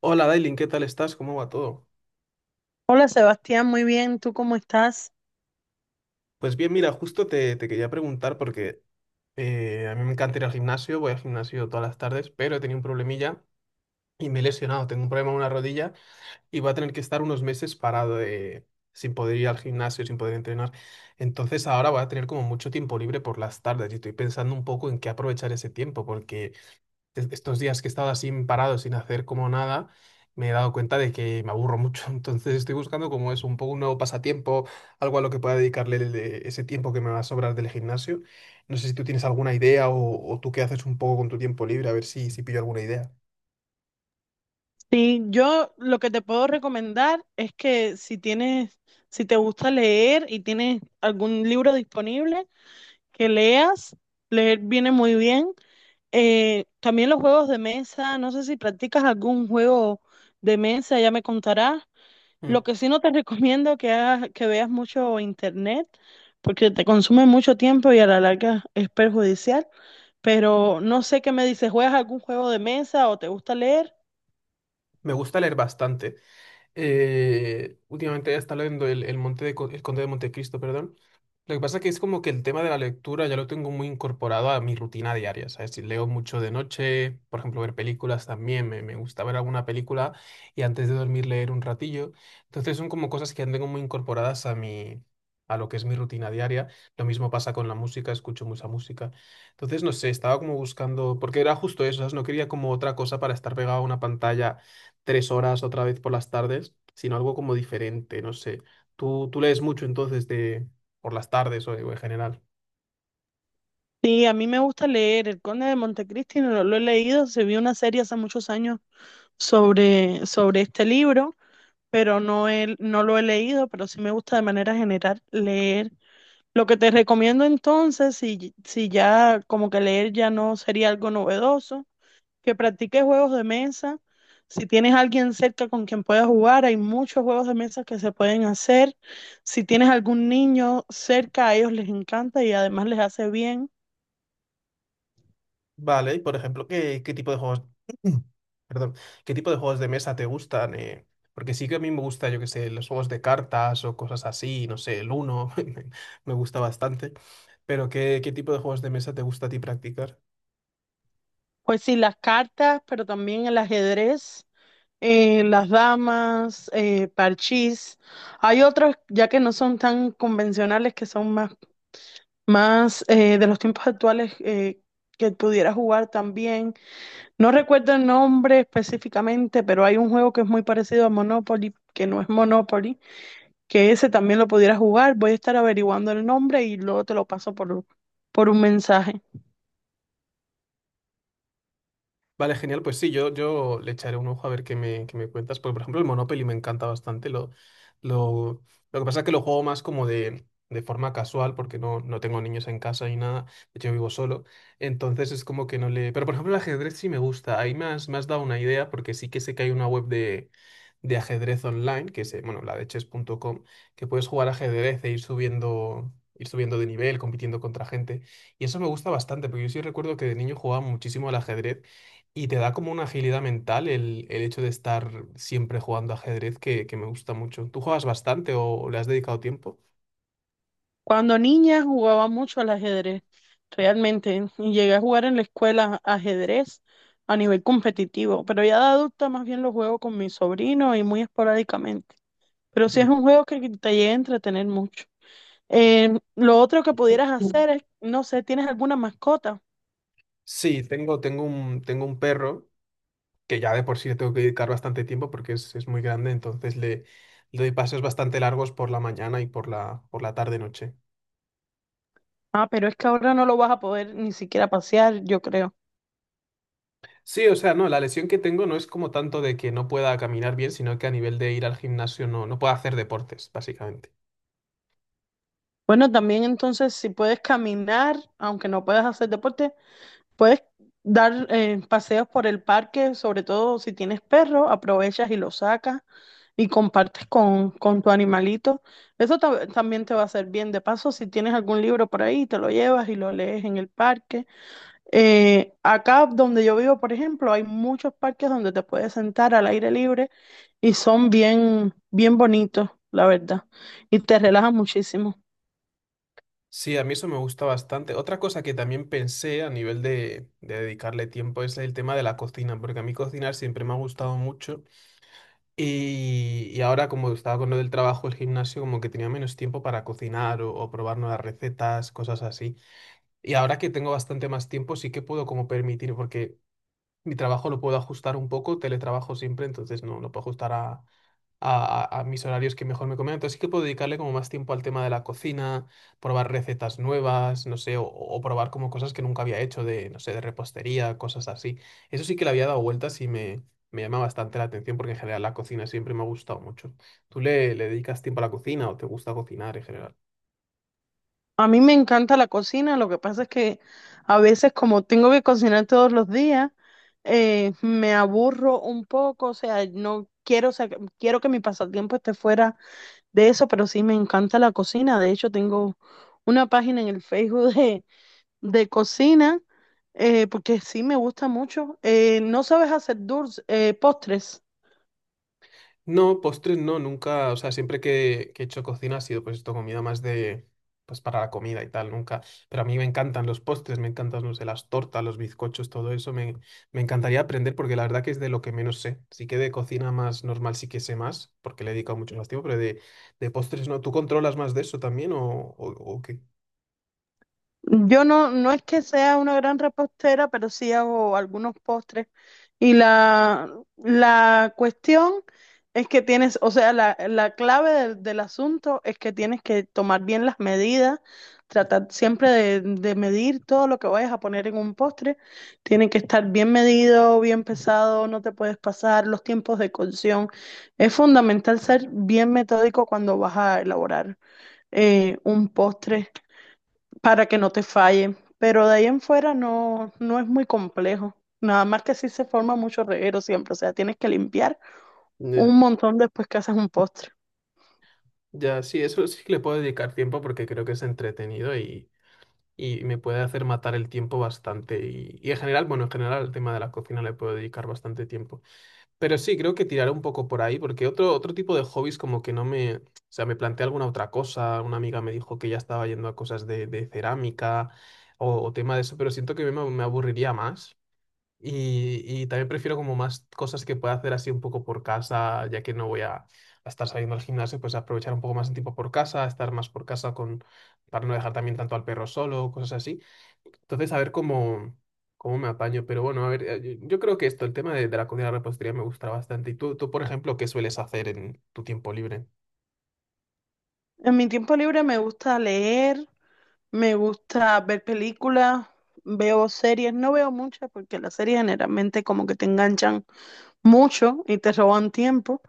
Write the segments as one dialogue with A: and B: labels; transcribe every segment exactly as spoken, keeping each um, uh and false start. A: Hola Dailin, ¿qué tal estás? ¿Cómo va todo?
B: Hola Sebastián, muy bien, ¿tú cómo estás?
A: Pues bien, mira, justo te, te quería preguntar porque eh, a mí me encanta ir al gimnasio, voy al gimnasio todas las tardes, pero he tenido un problemilla y me he lesionado, tengo un problema en una rodilla y voy a tener que estar unos meses parado de- sin poder ir al gimnasio, sin poder entrenar. Entonces ahora voy a tener como mucho tiempo libre por las tardes y estoy pensando un poco en qué aprovechar ese tiempo porque es- estos días que he estado así parado, sin hacer como nada, me he dado cuenta de que me aburro mucho. Entonces estoy buscando como es un poco un nuevo pasatiempo, algo a lo que pueda dedicarle el- eh, ese tiempo que me va a sobrar del gimnasio. No sé si tú tienes alguna idea o, o tú qué haces un poco con tu tiempo libre, a ver si, si pillo alguna idea.
B: Sí, yo lo que te puedo recomendar es que si tienes, si te gusta leer y tienes algún libro disponible, que leas, leer viene muy bien. Eh, también los juegos de mesa, no sé si practicas algún juego de mesa, ya me contarás. Lo
A: Mm.
B: que sí no te recomiendo que hagas, que veas mucho internet, porque te consume mucho tiempo y a la larga es perjudicial. Pero no sé qué me dices, ¿juegas algún juego de mesa o te gusta leer?
A: Me gusta leer bastante. Eh, últimamente he estado leyendo el, el Monte de Co- El Conde de Montecristo, perdón. Lo que pasa es que es como que el tema de la lectura ya lo tengo muy incorporado a mi rutina diaria, ¿sabes? Si leo mucho de noche, por ejemplo, ver películas también, me, me gusta ver alguna película y antes de dormir leer un ratillo. Entonces son como cosas que ya tengo muy incorporadas a mi, a lo que es mi rutina diaria. Lo mismo pasa con la música, escucho mucha música. Entonces, no sé, estaba como buscando, porque era justo eso, ¿sabes? No quería como otra cosa para estar pegado a una pantalla tres horas otra vez por las tardes, sino algo como diferente, no sé. Tú, tú lees mucho entonces de por las tardes o, o en general.
B: Sí, a mí me gusta leer El Conde de Montecristi, no lo he leído, se vio una serie hace muchos años sobre, sobre este libro, pero no, he- no lo he leído, pero sí me gusta de manera general leer. Lo que te recomiendo entonces, si, si ya como que leer ya no sería algo novedoso, que practique juegos de mesa. Si tienes alguien cerca con quien puedas jugar, hay muchos juegos de mesa que se pueden hacer. Si tienes algún niño cerca, a ellos les encanta y además les hace bien.
A: Vale, y por ejemplo, ¿qué, qué tipo de juegos, perdón, qué tipo de juegos de mesa te gustan, ¿eh? Porque sí que a mí me gusta, yo qué sé, los juegos de cartas o cosas así, no sé, el Uno, me gusta bastante. Pero ¿qué, qué tipo de juegos de mesa te gusta a ti practicar?
B: Pues sí, las cartas, pero también el ajedrez, eh, las damas, eh, parchís. Hay otros ya que no son tan convencionales, que son más, más eh, de los tiempos actuales eh, que pudieras jugar también. No recuerdo el nombre específicamente, pero hay un juego que es muy parecido a Monopoly, que no es Monopoly, que ese también lo pudiera jugar. Voy a estar averiguando el nombre y luego te lo paso por, por un mensaje.
A: Vale, genial. Pues sí, yo, yo le echaré un ojo a ver qué me, qué me cuentas. Porque, por ejemplo, el Monopoly me encanta bastante. Lo, lo, lo que pasa es que lo juego más como de, de forma casual, porque no, no tengo niños en casa ni nada. De hecho, yo vivo solo. Entonces es como que no le. Pero, por ejemplo, el ajedrez sí me gusta. Ahí me has, me has dado una idea, porque sí que sé que hay una web de, de ajedrez online, que es, eh, bueno, la de chess punto com, que puedes jugar ajedrez e ir subiendo. ir subiendo de nivel, compitiendo contra gente. Y eso me gusta bastante, porque yo sí recuerdo que de niño jugaba muchísimo al ajedrez y te da como una agilidad mental el, el hecho de estar siempre jugando ajedrez que, que me gusta mucho. ¿Tú juegas bastante o le has dedicado tiempo?
B: Cuando niña jugaba mucho al ajedrez, realmente, y llegué a jugar en la escuela ajedrez a nivel competitivo, pero ya de adulta más bien lo juego con mi sobrino y muy esporádicamente. Pero sí
A: Mm.
B: es un juego que te llega a entretener mucho. Eh, lo otro que pudieras
A: Mm.
B: hacer es, no sé, ¿tienes alguna mascota?
A: Sí, tengo, tengo un, tengo un perro que ya de por sí le tengo que dedicar bastante tiempo porque es, es muy grande, entonces le, le doy paseos bastante largos por la mañana y por la, por la tarde-noche.
B: Ah, pero es que ahora no lo vas a poder ni siquiera pasear, yo creo.
A: Sí, o sea, no, la lesión que tengo no es como tanto de que no pueda caminar bien, sino que a nivel de ir al gimnasio no, no puedo hacer deportes, básicamente.
B: Bueno, también entonces si puedes caminar, aunque no puedas hacer deporte, puedes dar eh, paseos por el parque, sobre todo si tienes perro, aprovechas y lo sacas y compartes con, con tu animalito. Eso ta- también te va a hacer bien. De paso, si tienes algún libro por ahí, te lo llevas y lo lees en el parque. Eh, acá donde yo vivo, por ejemplo, hay muchos parques donde te puedes sentar al aire libre y son bien, bien bonitos, la verdad, y te relajan muchísimo.
A: Sí, a mí eso me gusta bastante. Otra cosa que también pensé a nivel de, de dedicarle tiempo es el tema de la cocina, porque a mí cocinar siempre me ha gustado mucho y, y ahora como estaba con lo del trabajo, el gimnasio, como que tenía menos tiempo para cocinar o, o probar nuevas recetas, cosas así. Y ahora que tengo bastante más tiempo, sí que puedo como permitir, porque mi trabajo lo puedo ajustar un poco, teletrabajo siempre, entonces no lo puedo ajustar a, a- a- a mis horarios que mejor me convengan. Entonces sí que puedo dedicarle como más tiempo al tema de la cocina, probar recetas nuevas, no sé, o, o probar como cosas que nunca había hecho de, no sé, de repostería, cosas así. Eso sí que le había dado vueltas y me, me llama bastante la atención porque en general la cocina siempre me ha gustado mucho. ¿Tú le, le dedicas tiempo a la cocina o te gusta cocinar en general?
B: A mí me encanta la cocina, lo que pasa es que a veces como tengo que cocinar todos los días, eh, me aburro un poco, o sea, no quiero, sa- quiero que mi pasatiempo esté fuera de eso, pero sí me encanta la cocina. De hecho, tengo una página en el Facebook de, de cocina, eh, porque sí me gusta mucho. Eh, ¿no sabes hacer dulces, postres?
A: No, postres no, nunca, o sea, siempre que, que he hecho cocina ha sido pues esto, comida más de, pues para la comida y tal, nunca, pero a mí me encantan los postres, me encantan, no sé, las tortas, los bizcochos, todo eso, me, me encantaría aprender porque la verdad que es de lo que menos sé, sí que de cocina más normal sí que sé más, porque le he dedicado mucho más tiempo, pero de, de postres no, ¿tú controlas más de eso también o, o, o qué?
B: Yo no, no es que sea una gran repostera, pero sí hago algunos postres. Y la, la cuestión es que tienes, o sea, la, la clave del, del asunto es que tienes que tomar bien las medidas, tratar siempre de, de medir todo lo que vayas a poner en un postre. Tiene que estar bien medido, bien pesado, no te puedes pasar, los tiempos de cocción. Es fundamental ser bien metódico cuando vas a elaborar eh, un postre para que no te falle. Pero de ahí en fuera no, no es muy complejo. Nada más que sí se forma mucho reguero siempre. O sea, tienes que limpiar
A: Ya,
B: un montón después que haces un postre.
A: ya, sí, eso sí que le puedo dedicar tiempo porque creo que es entretenido y me puede hacer matar el tiempo bastante. Y, y en general, bueno, en general al tema de la cocina le puedo dedicar bastante tiempo. Pero sí, creo que tiraré un poco por ahí, porque otro, otro tipo de hobbies como que no me. O sea, me planteé alguna otra cosa, una amiga me dijo que ya estaba yendo a cosas de, de cerámica o, o tema de eso, pero siento que me, me aburriría más. Y, y también prefiero como más cosas que pueda hacer así un poco por casa, ya que no voy a, a estar saliendo al gimnasio, pues aprovechar un poco más el tiempo por casa, estar más por casa con, para no dejar también tanto al perro solo, cosas así. Entonces, a ver cómo, cómo me apaño. Pero bueno, a ver, eh, yo, yo creo que esto, el tema de, de la comida y la repostería me gusta bastante. ¿Y tú, tú, por ejemplo, qué sueles hacer en tu tiempo libre?
B: En mi tiempo libre me gusta leer, me gusta ver películas, veo series. No veo muchas porque las series generalmente como que te enganchan mucho y te roban tiempo.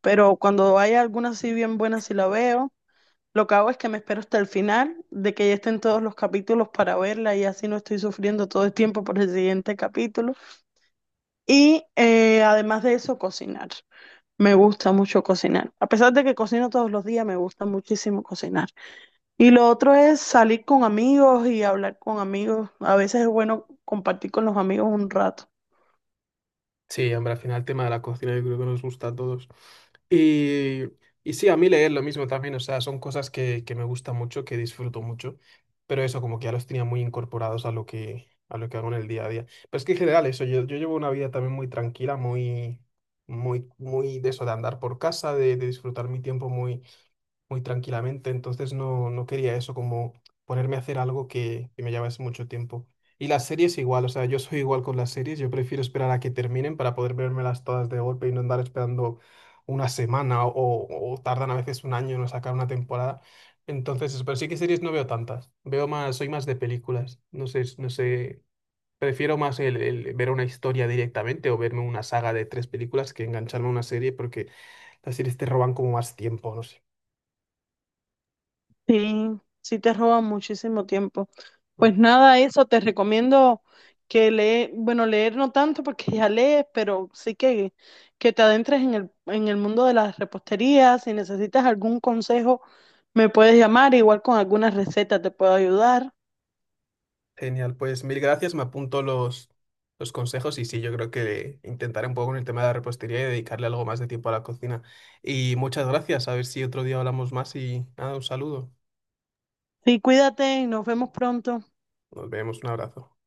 B: Pero cuando hay alguna así bien buena sí la veo. Lo que hago es que me espero hasta el final de que ya estén todos los capítulos para verla y así no estoy sufriendo todo el tiempo por el siguiente capítulo. Y eh, además de eso, cocinar. Me gusta mucho cocinar. A pesar de que cocino todos los días, me gusta muchísimo cocinar. Y lo otro es salir con amigos y hablar con amigos. A veces es bueno compartir con los amigos un rato.
A: Sí, hombre, al final el tema de la cocina yo creo que nos gusta a todos. Y, y sí, a mí leer lo mismo también, o sea, son cosas que, que me gustan mucho, que disfruto mucho, pero eso como que ya los tenía muy incorporados a lo que, a lo que hago en el día a día. Pero es que en general eso, yo, yo llevo una vida también muy tranquila, muy, muy, muy de eso, de andar por casa, de, de disfrutar mi tiempo muy muy tranquilamente, entonces no, no quería eso, como ponerme a hacer algo que, que me llevase mucho tiempo. Y las series igual, o sea, yo soy igual con las series, yo prefiero esperar a que terminen para poder vérmelas todas de golpe y no andar esperando una semana o, o tardan a veces un año en sacar una temporada. Entonces, eso, pero sí que series no veo tantas, veo más, soy más de películas, no sé, no sé, prefiero más el, el ver una historia directamente o verme una saga de tres películas que engancharme a una serie porque las series te roban como más tiempo, no sé.
B: Sí, sí te roba muchísimo tiempo.
A: Mm.
B: Pues nada, eso te recomiendo que leer, bueno, leer no tanto porque ya lees, pero sí que, que te adentres en el, en el mundo de las reposterías. Si necesitas algún consejo, me puedes llamar, igual con algunas recetas te puedo ayudar.
A: Genial, pues mil gracias. Me apunto los, los consejos y sí, yo creo que intentaré un poco con el tema de la repostería y dedicarle algo más de tiempo a la cocina. Y muchas gracias. A ver si otro día hablamos más y nada, un saludo.
B: Sí, cuídate y nos vemos pronto.
A: Nos vemos, un abrazo.